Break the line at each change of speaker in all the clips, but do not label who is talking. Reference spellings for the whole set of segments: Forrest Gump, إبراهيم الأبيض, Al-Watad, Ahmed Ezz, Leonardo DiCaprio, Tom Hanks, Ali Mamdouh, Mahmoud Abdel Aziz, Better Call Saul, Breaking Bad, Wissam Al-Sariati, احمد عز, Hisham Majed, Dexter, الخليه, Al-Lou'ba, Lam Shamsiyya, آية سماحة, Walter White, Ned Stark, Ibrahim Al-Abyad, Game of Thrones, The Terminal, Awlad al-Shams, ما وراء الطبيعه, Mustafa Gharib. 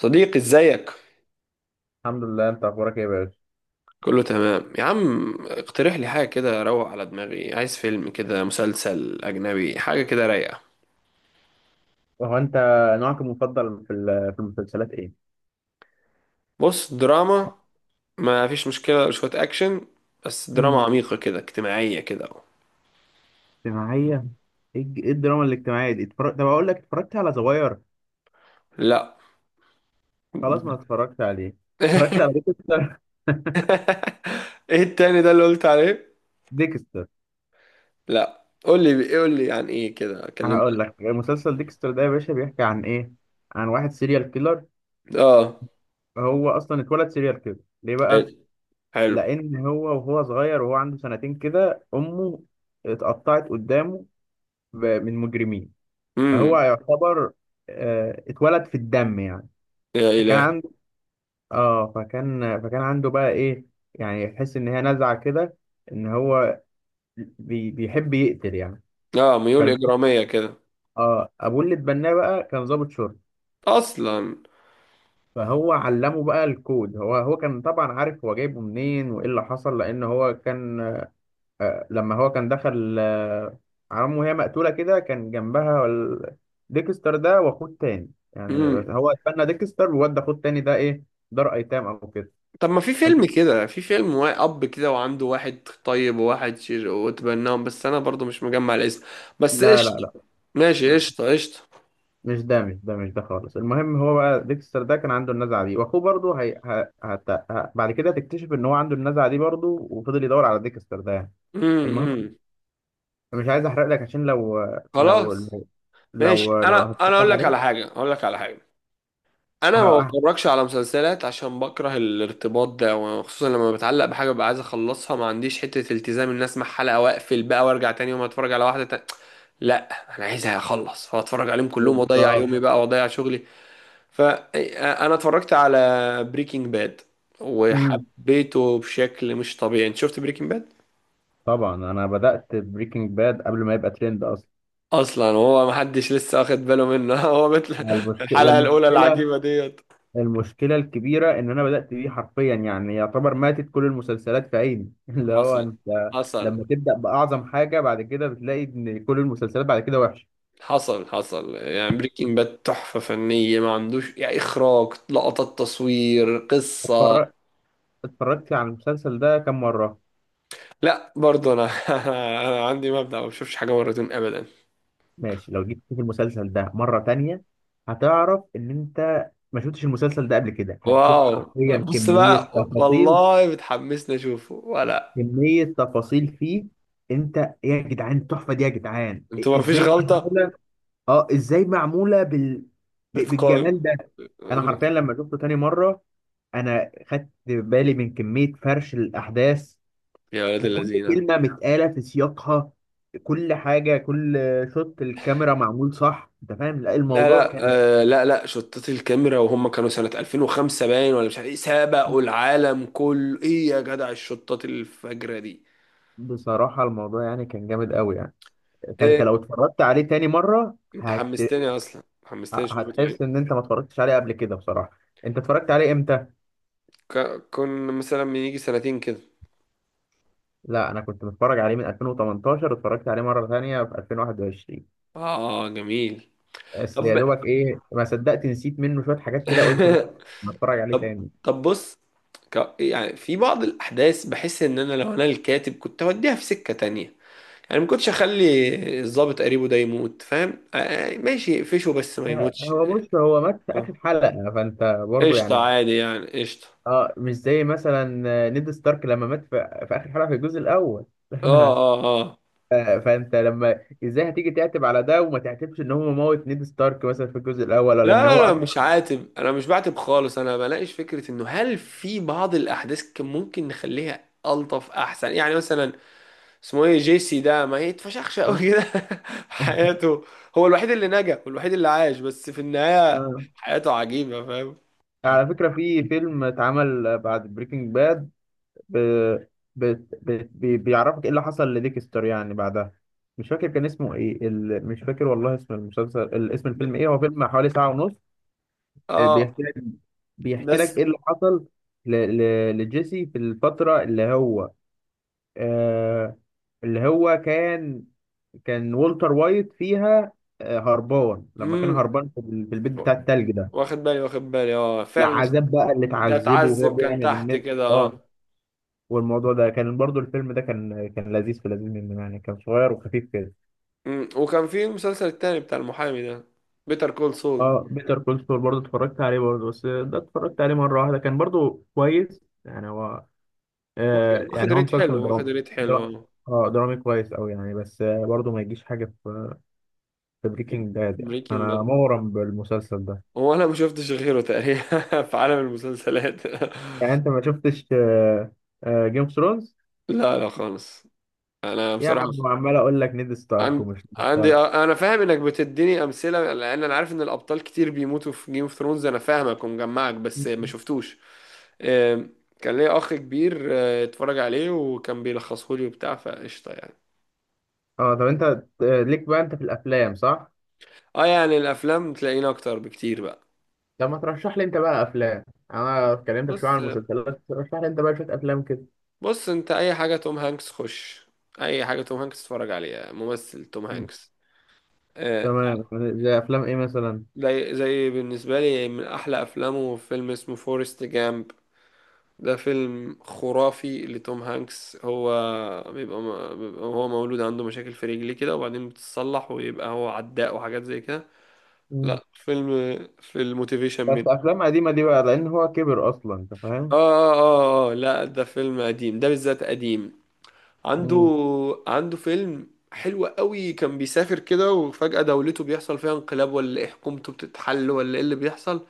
صديقي، ازيك؟
الحمد لله، انت اخبارك ايه يا باشا؟
كله تمام يا عم. اقترح لي حاجة كده اروق على دماغي، عايز فيلم كده، مسلسل اجنبي، حاجة كده رايقة.
وهو انت نوعك المفضل في في المسلسلات ايه؟
بص، دراما، ما فيش مشكلة شوية اكشن، بس دراما
امم
عميقة كده، اجتماعية كده.
اجتماعية. ايه ايه الدراما الاجتماعيه دي طب اقول لك، اتفرجت على زواير؟
لا.
خلاص، ما اتفرجت عليه. اتفرجت على ديكستر.
ايه التاني ده اللي قلت عليه؟
ديكستر.
لا، قول لي، قول لي عن ايه كده، كلمني.
هقول لك مسلسل ديكستر ده يا باشا بيحكي عن ايه. عن واحد سيريال كيلر.
اه،
هو اصلا اتولد سيريال كيلر. ليه بقى؟
حلو، حلو.
لان هو وهو صغير وهو عنده سنتين كده، امه اتقطعت قدامه من مجرمين. فهو
امم
يعتبر، اتولد في الدم يعني.
يا الهي!
فكان، فكان عنده بقى ايه، يعني يحس ان هي نزعه كده، ان هو بيحب يقتل يعني.
اه، ميول
فالمهم،
اجرامية كده.
اه ابوه اللي اتبناه بقى كان ضابط شرطه.
اصلا.
فهو علمه بقى الكود. هو كان طبعا عارف هو جايبه منين وايه اللي حصل، لان هو كان، آه لما هو كان دخل على امه وهي مقتوله كده، كان جنبها ديكستر ده واخوه التاني. يعني
مم.
هو اتبنى ديكستر، وودى اخوه التاني ده ايه، دار ايتام او كده.
طب، ما في فيلم كده، في فيلم اب كده وعنده واحد طيب وواحد شر وتبناهم، بس انا برضو مش مجمع الاسم. بس
لا لا
قشطه.
لا،
ماشي، قشطه، قشطه.
مش ده خالص. المهم هو بقى ديكستر ده كان عنده النزعه دي، واخوه برضه هي... ه... هت... ه... بعد كده تكتشف ان هو عنده النزعه دي برضه، وفضل يدور على ديكستر ده يعني.
امم،
المهم، مش عايز احرق لك، عشان
خلاص.
لو،
ماشي. انا
لو
انا اقول
هتتفرج
لك على
عليه.
حاجه، اقول لك على حاجه.
ه...
انا ما
ه-
بتفرجش على مسلسلات عشان بكره الارتباط ده، وخصوصا لما بتعلق بحاجه ببقى عايز اخلصها. ما عنديش حته التزام ان اسمع حلقه واقفل بقى وارجع تاني يوم اتفرج على واحده تاني. لا، انا عايزها اخلص فاتفرج عليهم كلهم واضيع
بالظبط.
يومي بقى واضيع شغلي. فانا اتفرجت على بريكنج باد
امم
وحبيته بشكل مش طبيعي. انت شفت بريكنج باد؟
طبعا انا بدات بريكنج باد قبل ما يبقى ترند اصلا.
اصلا هو محدش لسه واخد باله منه. هو مثل الحلقة الاولى
والمشكله،
العجيبة ديت.
المشكلة الكبيرة إن أنا بدأت بيه حرفيا، يعني يعتبر ماتت كل المسلسلات في عيني. اللي هو
حصل،
أنت
حصل،
لما تبدأ بأعظم حاجة، بعد كده بتلاقي إن كل المسلسلات بعد كده وحشة.
حصل، حصل. يعني بريكنج باد تحفة فنية، ما عندوش يعني، إخراج، لقطات، تصوير، قصة.
اتفرج- اتفرجت على المسلسل ده كم مرة؟
لا برضه أنا. أنا عندي مبدأ ما بشوفش حاجة مرتين أبدا.
ماشي، لو جيت تشوف المسلسل ده مرة تانية، هتعرف إن أنت ما شفتش المسلسل ده قبل كده. هتشوف
واو،
حرفيا
بص
كمية
بقى،
تفاصيل،
والله بتحمسني أشوفه ولا؟
كمية تفاصيل فيه. أنت، يا جدعان التحفة دي يا جدعان.
أنتوا ما فيش
إزاي
غلطة،
معمولة؟ اه ازاي معموله
اتقان.
بالجمال ده. انا حرفيا لما شفته تاني مره، انا خدت بالي من كميه فرش الاحداث،
يا ولاد
وكل
اللذينه.
كلمه متقاله في سياقها، كل حاجه كل شوت الكاميرا معمول صح. انت فاهم؟ لا
لا،
الموضوع
لا،
كان،
آه، لا، لا، شطات الكاميرا وهم كانوا سنة 2005 باين، ولا مش عارف ايه. سبقوا العالم كله، ايه يا جدع الشطات الفجرة دي.
بصراحه الموضوع يعني كان جامد قوي يعني. فانت لو
ايه،
اتفرجت عليه تاني مره
انت حمستني اصلا، حمستني اشوف تاني.
هتحس ان انت ما اتفرجتش عليه قبل كده بصراحه. انت اتفرجت عليه امتى؟
كنا مثلا من يجي سنتين كده.
لا انا كنت متفرج عليه من 2018، اتفرجت عليه مره ثانيه في 2021.
اه، جميل.
بس يا
طب.
دوبك ايه، ما صدقت نسيت منه شويه حاجات كده، قلت بقى هتفرج عليه
طب،
تاني.
طب، بص. يعني في بعض الاحداث بحس ان انا لو انا الكاتب كنت اوديها في سكة تانية. يعني ما كنتش اخلي الضابط قريبه ده يموت، فاهم؟ آه، آه، ماشي، فشه بس ما
آه،
يموتش.
هو بص هو مات في
آه.
اخر حلقه، فانت برضو
قشطة
يعني.
عادي يعني، قشطة.
اه مش زي مثلا، نيد ستارك لما مات في اخر حلقه في الجزء الاول.
اه، اه، اه.
آه، فانت لما ازاي هتيجي تعتب على ده، وما تعتبش ان هو موت نيد ستارك مثلا في الجزء الاول، ولا
لا،
ان هو
لا، لا،
اطرح.
مش عاتب، انا مش بعاتب خالص. انا بلاقيش فكرة انه هل في بعض الاحداث كان ممكن نخليها الطف احسن، يعني مثلا اسمه ايه، جيسي ده ما يتفشخش قوي كده في حياته. هو الوحيد اللي نجا والوحيد اللي عاش، بس في النهاية
آه.
حياته عجيبة، فاهم؟
على فكره في فيلم اتعمل بعد بريكنج باد، ب... ب... ب... بيعرفك ايه اللي حصل لديكستر يعني بعدها. مش فاكر كان اسمه ايه مش فاكر والله اسم المسلسل، اسم الفيلم ايه. هو فيلم حوالي ساعة ونص. آه،
اه،
بيحكي لك
بس.
ايه اللي حصل ل... لجيسي في الفترة اللي هو، آه... اللي هو كان والتر وايت فيها، آه، هربان، لما كان
مم.
هربان في في البيت بتاع التلج ده.
واخد بالي، واخد بالي، اه فعلا.
العذاب بقى اللي
ده
اتعذبه وهو
اتعذب كان
بيعمل
تحت
النت،
كده،
اه.
اه.
والموضوع ده كان برضو، الفيلم ده كان لذيذ، في لذيذ منه يعني، كان صغير وخفيف كده.
وكان في مسلسل التاني بتاع المحامي ده، بيتر كول سول.
اه بيتر كول سول برضو اتفرجت عليه، برضو بس ده اتفرجت عليه مرة واحدة. كان برضو كويس يعني، هو
واخد
آه
واخد
يعني هو
ريت حلو،
مسلسل
واخد
درامي.
ريت حلو،
درا...
اه.
اه درامي كويس أوي يعني، بس آه برضو ما يجيش حاجة في، في بريكنج باد يعني.
بريكنج
أنا
باد.
مغرم بالمسلسل ده.
هو انا ما شفتش غيره تقريبا في عالم المسلسلات.
يعني أنت ما شفتش آه، آه جيم اوف ثرونز؟
لا، لا خالص. انا
يا
بصراحة،
عم عمال أقول لك نيد ستارك
عن-
ومش نيد
عندي،
ستارك.
آه، انا فاهم انك بتديني امثله لان انا عارف ان الابطال كتير بيموتوا في جيم اوف ثرونز. انا فاهمك ومجمعك بس ما شفتوش. آم، كان ليا اخ كبير، آه، اتفرج عليه وكان بيلخصه لي وبتاع، فقشطه يعني.
اه طب أنت آه، ليك بقى أنت في الأفلام صح؟
اه يعني الافلام تلاقينا اكتر بكتير بقى.
طب ما ترشح لي انت بقى افلام. انا اتكلمت شويه
بص،
عن المسلسلات، ترشح لي انت بقى شويه افلام كده.
بص، انت اي حاجه توم هانكس خش. اي حاجه توم هانكس اتفرج عليها، ممثل توم
مم.
هانكس. آه،
تمام. زي افلام ايه مثلا؟
زي بالنسبه لي من احلى افلامه فيلم اسمه فورست جامب. ده فيلم خرافي لتوم هانكس. هو بيبقى هو مولود عنده مشاكل في رجليه كده، وبعدين بتتصلح ويبقى هو عداء وحاجات زي كده.
مم.
لا، فيلم، في الموتيفيشن
بس
من،
افلام قديمه دي بقى، لان هو كبر اصلا، انت
آه،
فاهم.
آه، اه، اه، لا ده فيلم قديم، ده بالذات قديم. عنده،
مم.
فيلم حلو قوي، كان بيسافر كده وفجأة دولته بيحصل فيها انقلاب ولا ايه، حكومته بتتحل ولا ايه اللي بيحصل.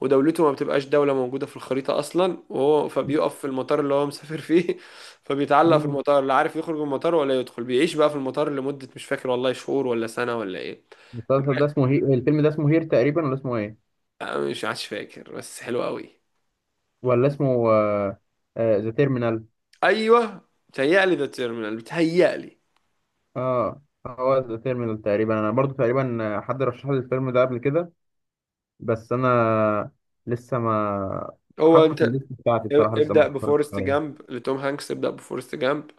ودولته ما بتبقاش دولة موجودة في الخريطة أصلا، وهو فبيقف في المطار اللي هو مسافر فيه فبيتعلق في
مم.
المطار، لا عارف يخرج من المطار ولا يدخل، بيعيش بقى في المطار لمدة مش فاكر والله، شهور ولا سنة ولا إيه.
المسلسل ده اسمه الفيلم ده اسمه هير تقريبا، ولا اسمه ايه؟
أنا مش عادش فاكر بس حلو قوي.
ولا اسمه ذا تيرمينال؟
أيوه، بتهيألي ذا تيرمينال، بتهيألي.
اه The Terminal. آه، هو ذا تيرمينال تقريبا. انا برضو تقريبا حد رشح لي الفيلم ده قبل كده، بس انا لسه ما
هو
حاطه في
أنت،
الليست بتاعتي بصراحه، لسه ما
ابدأ
اتفرجتش
بفورست
عليها.
جامب لتوم هانكس، ابدأ بفورست جامب.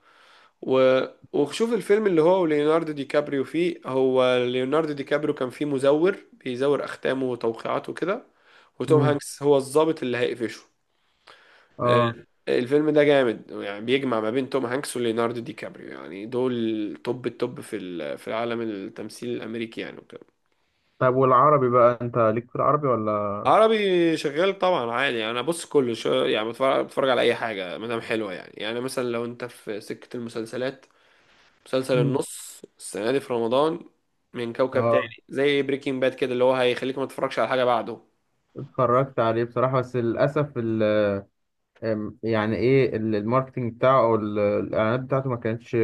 و... وشوف الفيلم اللي هو وليوناردو دي كابريو فيه. هو ليوناردو دي كابريو كان فيه مزور بيزور أختامه وتوقيعاته كده، وتوم
مم.
هانكس هو الضابط اللي هيقفشه. آه،
اه
الفيلم ده جامد، يعني بيجمع ما بين توم هانكس وليوناردو دي كابريو، يعني دول توب التوب في في العالم، التمثيل الأمريكي يعني وكده.
طيب، والعربي بقى انت ليك في العربي ولا؟
عربي شغال طبعا عادي يعني، انا بص كله شو يعني، بتفرج على اي حاجه ما دام حلوه يعني. مثلا لو انت في سكه المسلسلات، مسلسل
مم.
النص السنة دي في رمضان من كوكب تاني
اه
زي بريكنج باد كده، اللي هو هيخليك ما تتفرجش على حاجة بعده.
اتفرجت عليه بصراحة، بس للأسف يعني ايه الماركتينج بتاعه، او الاعلانات بتاعته ما كانتش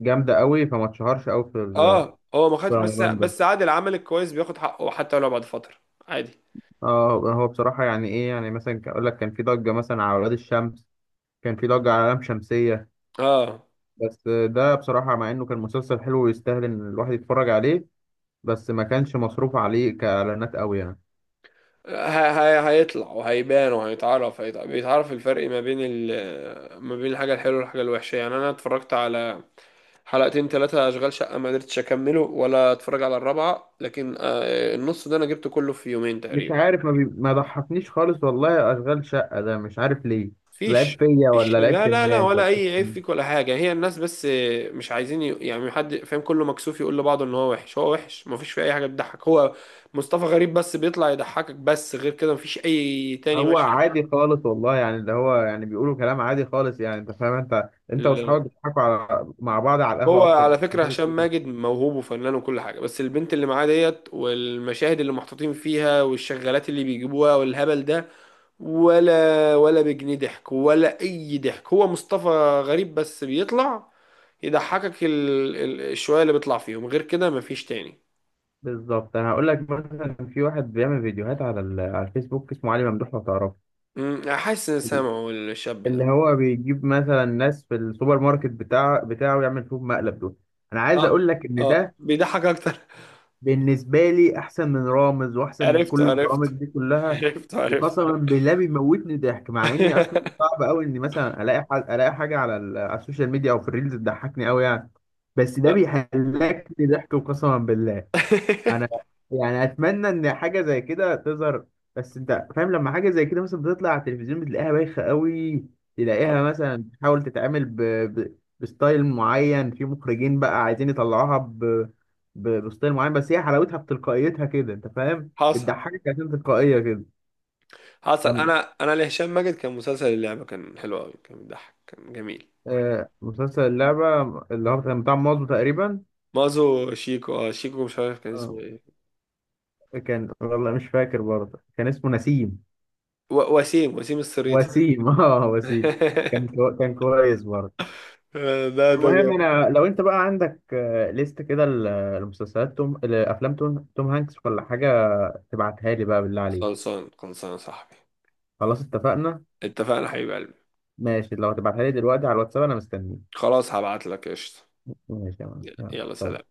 جامدة قوي، فما اتشهرش قوي في
اه هو ما
في
خدش بس
رمضان ده.
بس عادي، العمل الكويس بياخد حقه حتى لو بعد فترة. عادي.
اه هو بصراحة يعني ايه، يعني مثلا اقول لك كان في ضجة مثلا على ولاد الشمس، كان في ضجة على لام شمسية،
اه،
بس ده بصراحة مع انه كان مسلسل حلو ويستاهل ان الواحد يتفرج عليه، بس ما كانش مصروف عليه كإعلانات قوي يعني.
ه- هيطلع وهيبان وهيتعرف، بيتعرف الفرق ما بين الحاجة الحلوة والحاجة الوحشة يعني. أنا اتفرجت على حلقتين، ثلاثة، أشغال شقة، ما قدرتش أكمله ولا أتفرج على الرابعة، لكن آه، النص ده أنا جبته كله في يومين
مش
تقريبا.
عارف ما ضحكنيش خالص والله اشغال شقه ده، مش عارف ليه. لعيب
فيش.
فيا، ولا لعيب
لا،
في
لا، لا،
الناس، ولا
ولا
لعيب
اي
في
عيب
مين؟
فيك ولا حاجه، هي الناس بس. مش عايزين يعني حد فاهم، كله مكسوف يقول لبعضه ان هو وحش، هو وحش، مفيش فيه اي حاجه بتضحك. هو مصطفى غريب بس بيطلع يضحكك، بس غير كده مفيش اي تاني
هو
مشهد.
عادي خالص والله، يعني اللي هو يعني بيقولوا كلام عادي خالص يعني، انت فاهم انت واصحابك
ال-
بتضحكوا على مع بعض على
هو
القهوه اكتر.
على فكره هشام ماجد موهوب وفنان وكل حاجه، بس البنت اللي معاه ديت، والمشاهد اللي محطوطين فيها، والشغالات اللي بيجيبوها والهبل ده، ولا بجنيه ضحك ولا اي ضحك. هو مصطفى غريب بس بيطلع يضحكك الشوية اللي بيطلع فيهم، غير كده مفيش تاني.
بالظبط. انا هقول لك، مثلا في واحد بيعمل فيديوهات على على الفيسبوك، اسمه علي ممدوح، لو تعرفه،
حاسس ان سامعه الشاب ده.
اللي هو بيجيب مثلا ناس في السوبر ماركت بتاعه، يعمل فيهم مقلب. دول انا عايز
اه،
اقول لك ان
اه،
ده
بيضحك اكتر.
بالنسبة لي أحسن من رامز وأحسن من
عرفته،
كل البرامج
عرفته،
دي كلها.
عرفته، عرفته.
وقسما بالله بيموتني ضحك، مع إني أصلا صعب أوي إني مثلا ألاقي حاجة على السوشيال ميديا أو في الريلز تضحكني أوي يعني. بس ده بيهلكني ضحك وقسما بالله. انا يعني اتمنى ان حاجه زي كده تظهر، بس انت فاهم لما حاجه زي كده مثلا بتطلع على التلفزيون بتلاقيها بايخه قوي. تلاقيها مثلا تحاول تتعامل بستايل معين، في مخرجين بقى عايزين يطلعوها بستايل معين، بس هي حلاوتها بتلقائيتها كده، انت فاهم،
حصل،
بتضحكك عشان تلقائيه كده.
حصل.
لم...
انا لهشام ماجد كان مسلسل اللعبة، كان حلو قوي، كان بيضحك، كان جميل.
آه مسلسل اللعبه، اللي هو كان بتاع مازو تقريبا.
مازو شيكو، اه شيكو، مش عارف كان
آه
اسمه ايه.
كان، والله مش فاكر، برضه كان اسمه نسيم،
و... وسيم وسيم السريتي.
وسيم. اه وسيم. كان كويس برضه.
ده
المهم،
جامد.
انا لو انت بقى عندك آه، ليست كده لمسلسلات لافلام توم هانكس ولا حاجه، تبعتها لي بقى بالله عليك.
خلصان، خلصان يا صاحبي.
خلاص اتفقنا.
اتفقنا حبيب قلبي.
ماشي، لو هتبعتها لي دلوقتي على الواتساب انا مستنيك.
خلاص، هبعت لك قشطة.
ماشي يا معلم.
يلا،
يلا.
سلام.